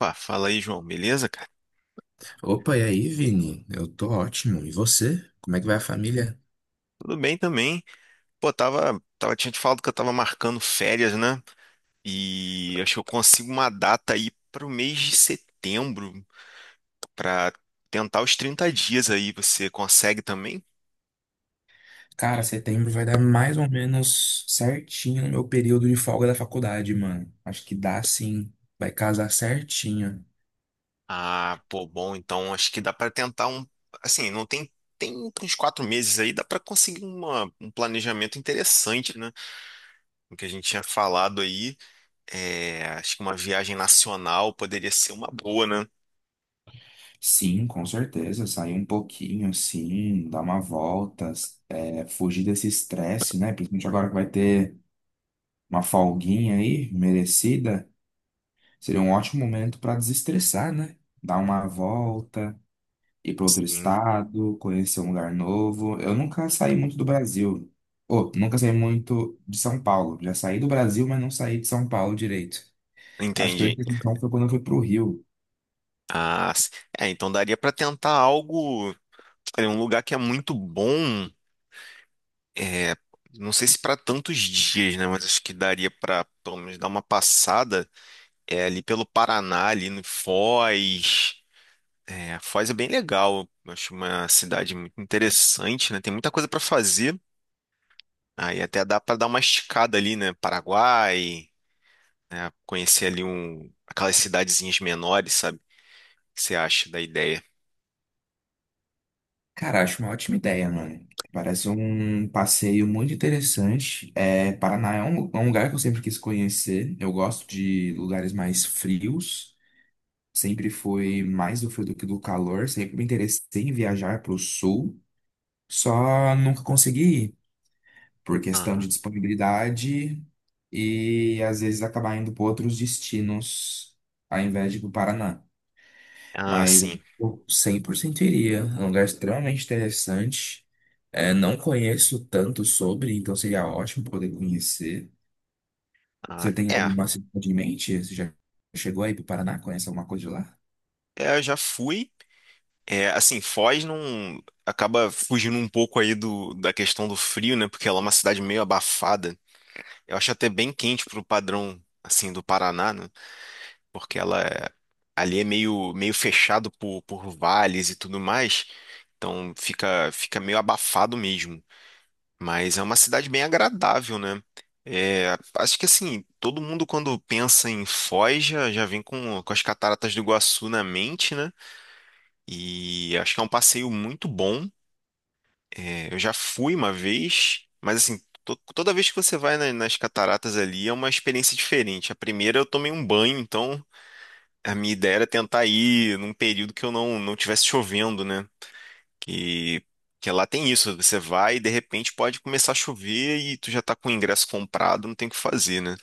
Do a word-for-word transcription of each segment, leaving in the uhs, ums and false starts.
Opa, fala aí, João. Beleza, cara? Opa, e aí, Vini? Eu tô ótimo. E você? Como é que vai a família? Tudo bem também. Pô, tava, tava, tinha te falado que eu tava marcando férias, né? E acho que eu consigo uma data aí pro mês de setembro pra tentar os trinta dias aí. Você consegue também? Cara, setembro vai dar mais ou menos certinho no meu período de folga da faculdade, mano. Acho que dá sim. Vai casar certinho. Ah, pô, bom, então acho que dá pra tentar um, assim, não tem tem uns quatro meses aí, dá pra conseguir uma, um planejamento interessante, né? O que a gente tinha falado aí, é, acho que uma viagem nacional poderia ser uma boa, né? Sim, com certeza. Sair um pouquinho, assim, dar uma volta, é, fugir desse estresse, né? Principalmente agora que vai ter uma folguinha aí, merecida. Seria um ótimo momento pra desestressar, né? Dar uma volta ir para outro Sim. estado, conhecer um lugar novo. Eu nunca saí muito do Brasil. Ou, nunca saí muito de São Paulo. Já saí do Brasil, mas não saí de São Paulo direito. Acho que a Entendi. única exceção foi quando eu fui pro Rio. Ah, s- é, então daria para tentar algo, é, um lugar que é muito bom, é, não sei se para tantos dias, né, mas acho que daria para pelo menos dar uma passada é, ali pelo Paraná, ali no Foz. É, Foz é bem legal, eu acho uma cidade muito interessante, né, tem muita coisa para fazer. Aí até dá para dar uma esticada ali, né, Paraguai, né, conhecer ali um, aquelas cidadezinhas menores, sabe? O que você acha da ideia? Cara, acho uma ótima ideia, mano. Parece um passeio muito interessante. É, Paraná é um, é um lugar que eu sempre quis conhecer. Eu gosto de lugares mais frios. Sempre foi mais do frio do que do calor. Sempre me interessei em viajar para o sul. Só nunca consegui por questão de Aham. disponibilidade e às vezes acabar indo para outros destinos ao invés de ir para o Paraná. Ah, Mas sim. eu cem por cento iria. É um lugar extremamente interessante. É, não conheço tanto sobre, então seria ótimo poder conhecer. Ah, Você tem é. alguma cidade em mente? Você já chegou aí para o Paraná? Conhece alguma coisa de lá? É, eu já fui. É, assim, Foz não acaba fugindo um pouco aí do, da questão do frio, né? Porque ela é uma cidade meio abafada. Eu acho até bem quente pro padrão, assim, do Paraná, né? Porque ela é, ali é meio, meio fechado por, por vales e tudo mais. Então fica, fica meio abafado mesmo. Mas é uma cidade bem agradável, né? É, acho que assim, todo mundo quando pensa em Foz já, já vem com, com as cataratas do Iguaçu na mente, né? E acho que é um passeio muito bom. É, eu já fui uma vez, mas assim, to- toda vez que você vai na- nas cataratas ali é uma experiência diferente. A primeira eu tomei um banho, então a minha ideia era tentar ir num período que eu não não tivesse chovendo, né? Que que lá tem isso, você vai e de repente pode começar a chover e tu já tá com o ingresso comprado, não tem o que fazer, né?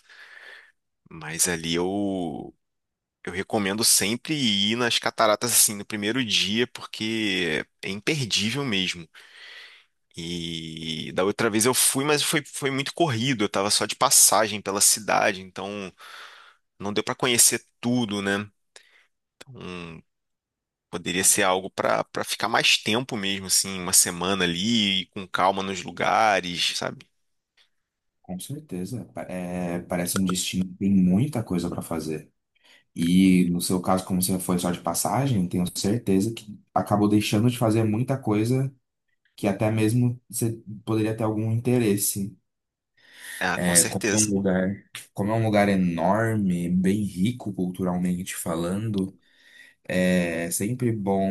Mas ali eu eu recomendo sempre ir nas cataratas assim no primeiro dia, porque é imperdível mesmo. E da outra vez eu fui, mas foi, foi muito corrido. Eu tava só de passagem pela cidade, então não deu pra conhecer tudo, né? Então, poderia ser algo pra para ficar mais tempo mesmo, assim, uma semana ali, e com calma nos lugares, sabe? Com certeza. Pa- é, parece um destino que tem muita coisa para fazer. E no seu caso, como você foi só de passagem, tenho certeza que acabou deixando de fazer muita coisa que até mesmo você poderia ter algum interesse. Ah, com É, como é um certeza. lugar, Como é um lugar enorme, bem rico culturalmente falando, é sempre bom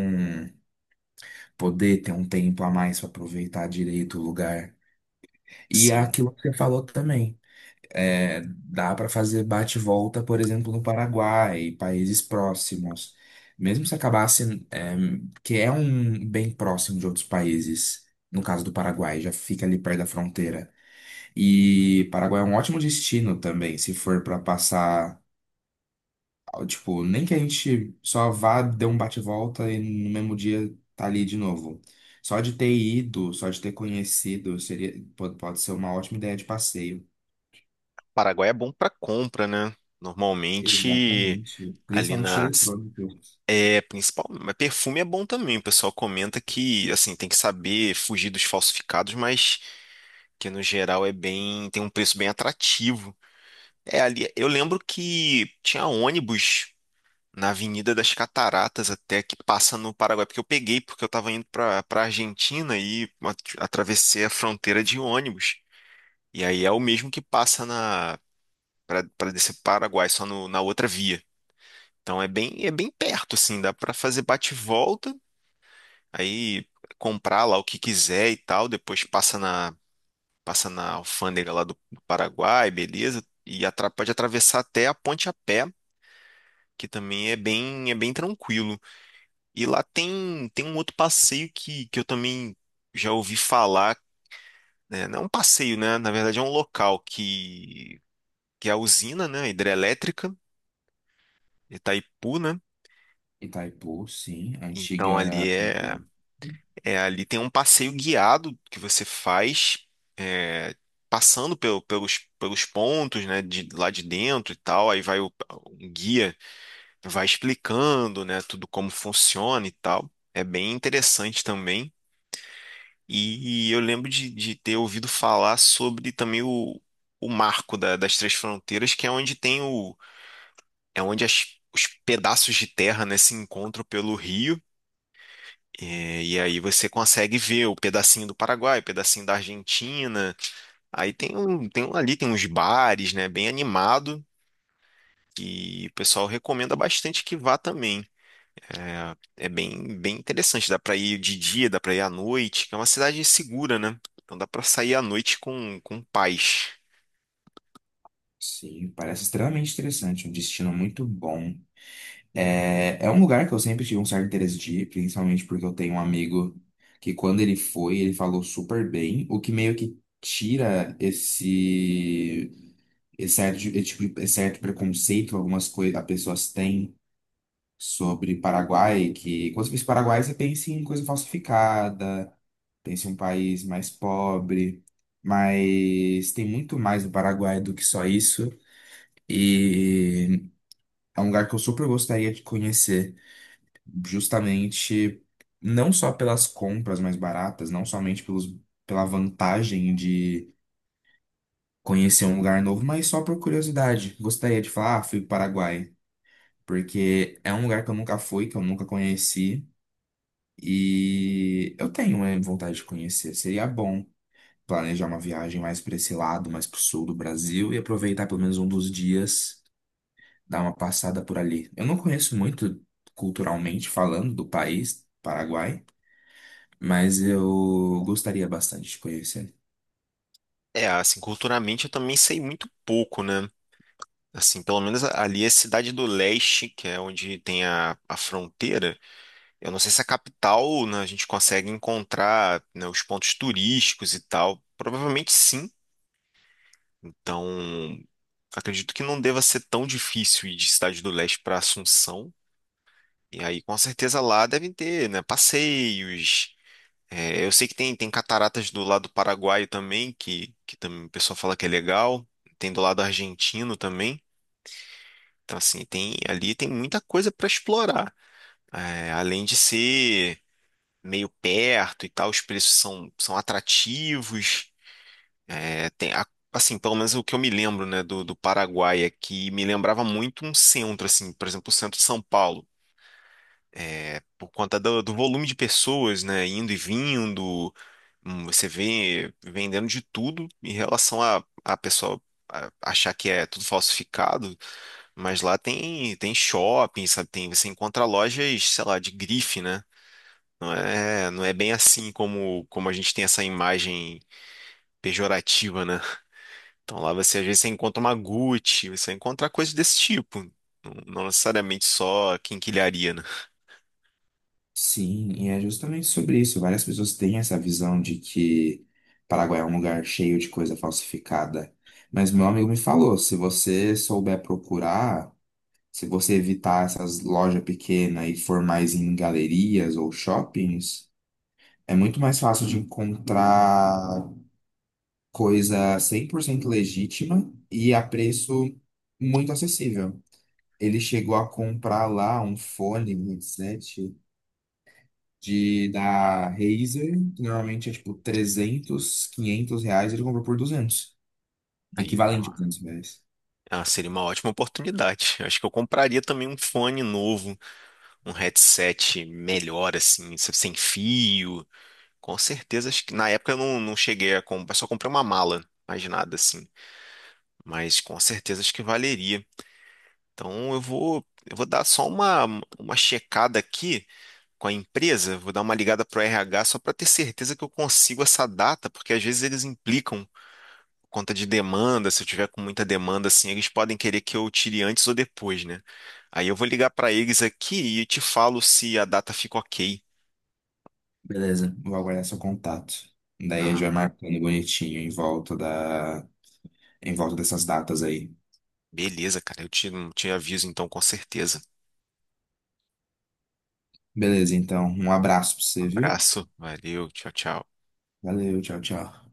poder ter um tempo a mais para aproveitar direito o lugar. E é Sim. aquilo que você falou também. É, dá para fazer bate volta, por exemplo, no Paraguai, países próximos. Mesmo se acabasse, é, que é um bem próximo de outros países, no caso do Paraguai, já fica ali perto da fronteira. E Paraguai é um ótimo destino também, se for para passar, tipo, nem que a gente só vá, dê um bate volta e no mesmo dia tá ali de novo. Só de ter ido, só de ter conhecido, seria, pode, pode ser uma ótima ideia de passeio. Paraguai é bom pra compra, né? Normalmente Exatamente. ali Principalmente de nas eletrônico. é, principal, mas perfume é bom também. O pessoal comenta que, assim, tem que saber fugir dos falsificados, mas que no geral é bem, tem um preço bem atrativo. É ali, eu lembro que tinha ônibus na Avenida das Cataratas até que passa no Paraguai, porque eu peguei porque eu estava indo para para Argentina e at- atravessei a fronteira de ônibus. E aí é o mesmo que passa na para para descer pro Paraguai, só no- na outra via. Então é bem é bem perto assim, dá para fazer bate e volta, aí comprar lá o que quiser e tal, depois passa na passa na alfândega lá do do Paraguai, beleza? E atra- pode atravessar até a ponte a pé, que também é bem, é bem tranquilo. E lá tem, tem um outro passeio que, que eu também já ouvi falar, né? Não é um passeio, né? Na verdade é um local que, que é a usina, né? Hidrelétrica, Itaipu, né? Itaipu, sim. A Então ali antiga. é, é ali tem um passeio guiado que você faz é, passando pelo- pelos, pelos pontos, né, de, lá de dentro e tal, aí vai o, um guia vai explicando, né, tudo como funciona e tal. É bem interessante também. E eu lembro de, de ter ouvido falar sobre também o, o marco da- das três fronteiras, que é onde tem o, é onde as- os pedaços de terra, né, se encontram pelo rio. É, e aí você consegue ver o pedacinho do Paraguai, o pedacinho da Argentina. Aí tem um, tem um ali, tem uns bares, né, bem animado. E o pessoal recomenda bastante que vá também. É é bem, bem interessante. Dá pra ir de dia, dá pra ir à noite, que é uma cidade segura, né? Então dá pra sair à noite com, com paz. Sim, parece extremamente interessante. Um destino muito bom. É, é um lugar que eu sempre tive um certo interesse de ir, principalmente porque eu tenho um amigo que, quando ele foi, ele falou super bem, o que meio que tira esse. Esse certo, de- esse tipo de- esse certo preconceito que algumas coisas as pessoas têm sobre Paraguai, que quando você pensa em Paraguai, você pensa em coisa falsificada, pensa em um país mais pobre, mas tem muito mais no Paraguai do que só isso. E é um lugar que eu super gostaria de conhecer, justamente não só pelas compras mais baratas, não somente pelos, pela vantagem de conhecer um lugar novo, mas só por curiosidade. Gostaria de falar, ah, fui para o Paraguai, porque é um lugar que eu nunca fui, que eu nunca conheci. E eu tenho né, vontade de conhecer. Seria bom planejar uma viagem mais para esse lado, mais para o sul do Brasil e aproveitar pelo menos um dos dias, dar uma passada por ali. Eu não conheço muito culturalmente falando do país, Paraguai, mas eu gostaria bastante de conhecer. É, assim, culturalmente eu também sei muito pouco, né? Assim, pelo menos ali é Cidade do Leste, que é onde tem a, a fronteira. Eu não sei se a capital, né, a gente consegue encontrar, né, os pontos turísticos e tal. Provavelmente sim. Então, acredito que não deva ser tão difícil ir de Cidade do Leste para Assunção. E aí, com certeza lá devem ter, né, passeios. É, eu sei que tem, tem cataratas do lado paraguaio também, que, que também o pessoal fala que é legal. Tem do lado argentino também. Então, assim, tem, ali tem muita coisa para explorar. É, além de ser meio perto e tal, os preços são, são atrativos. É, tem, a- assim, pelo menos o que eu me lembro, né, do, do Paraguai é que me lembrava muito um centro, assim, por exemplo, o centro de São Paulo. É, por conta do, do volume de pessoas, né, indo e vindo, hum, você vê vendendo de tudo em relação a, a pessoa a- achar que é tudo falsificado, mas lá tem tem shopping, sabe, tem você encontra lojas, sei lá, de grife, né? Não é não é bem assim como como a gente tem essa imagem pejorativa, né? Então lá você às vezes você encontra uma Gucci, você encontra coisas desse tipo. Não, não necessariamente só quinquilharia, né? Sim, e é justamente sobre isso. Várias pessoas têm essa visão de que Paraguai é um lugar cheio de coisa falsificada. Mas meu amigo me falou, se você souber procurar. Se você evitar essas lojas pequenas e for mais em galerias ou shoppings, é muito mais fácil de encontrar coisa cem por cento legítima e a preço muito acessível. Ele chegou a comprar lá um fone, um headset de, da Razer, que normalmente é tipo trezentos quinhentos reais, ele comprou por duzentos Aí. equivalente a duzentos reais. Ah, seria uma ótima oportunidade. Eu acho que eu compraria também um fone novo, um headset melhor, assim, se- sem fio. Com certeza, acho que na época eu não, não cheguei a comprar, só comprei uma mala, mais nada assim. Mas com certeza acho que valeria. Então eu vou, eu vou dar só uma, uma checada aqui com a empresa, vou dar uma ligada pro R H só para ter certeza que eu consigo essa data, porque às vezes eles implicam conta de demanda, se eu tiver com muita demanda, assim, eles podem querer que eu tire antes ou depois, né? Aí eu vou ligar para eles aqui e te falo se a data fica ok. Beleza, vou aguardar seu contato. Daí a gente Ah, vai marcando bonitinho em volta da em volta dessas datas aí. beleza, cara. Eu te, te aviso então, com certeza. Beleza, então, um abraço pra Um você, viu? abraço, valeu, tchau, tchau. Valeu, tchau, tchau.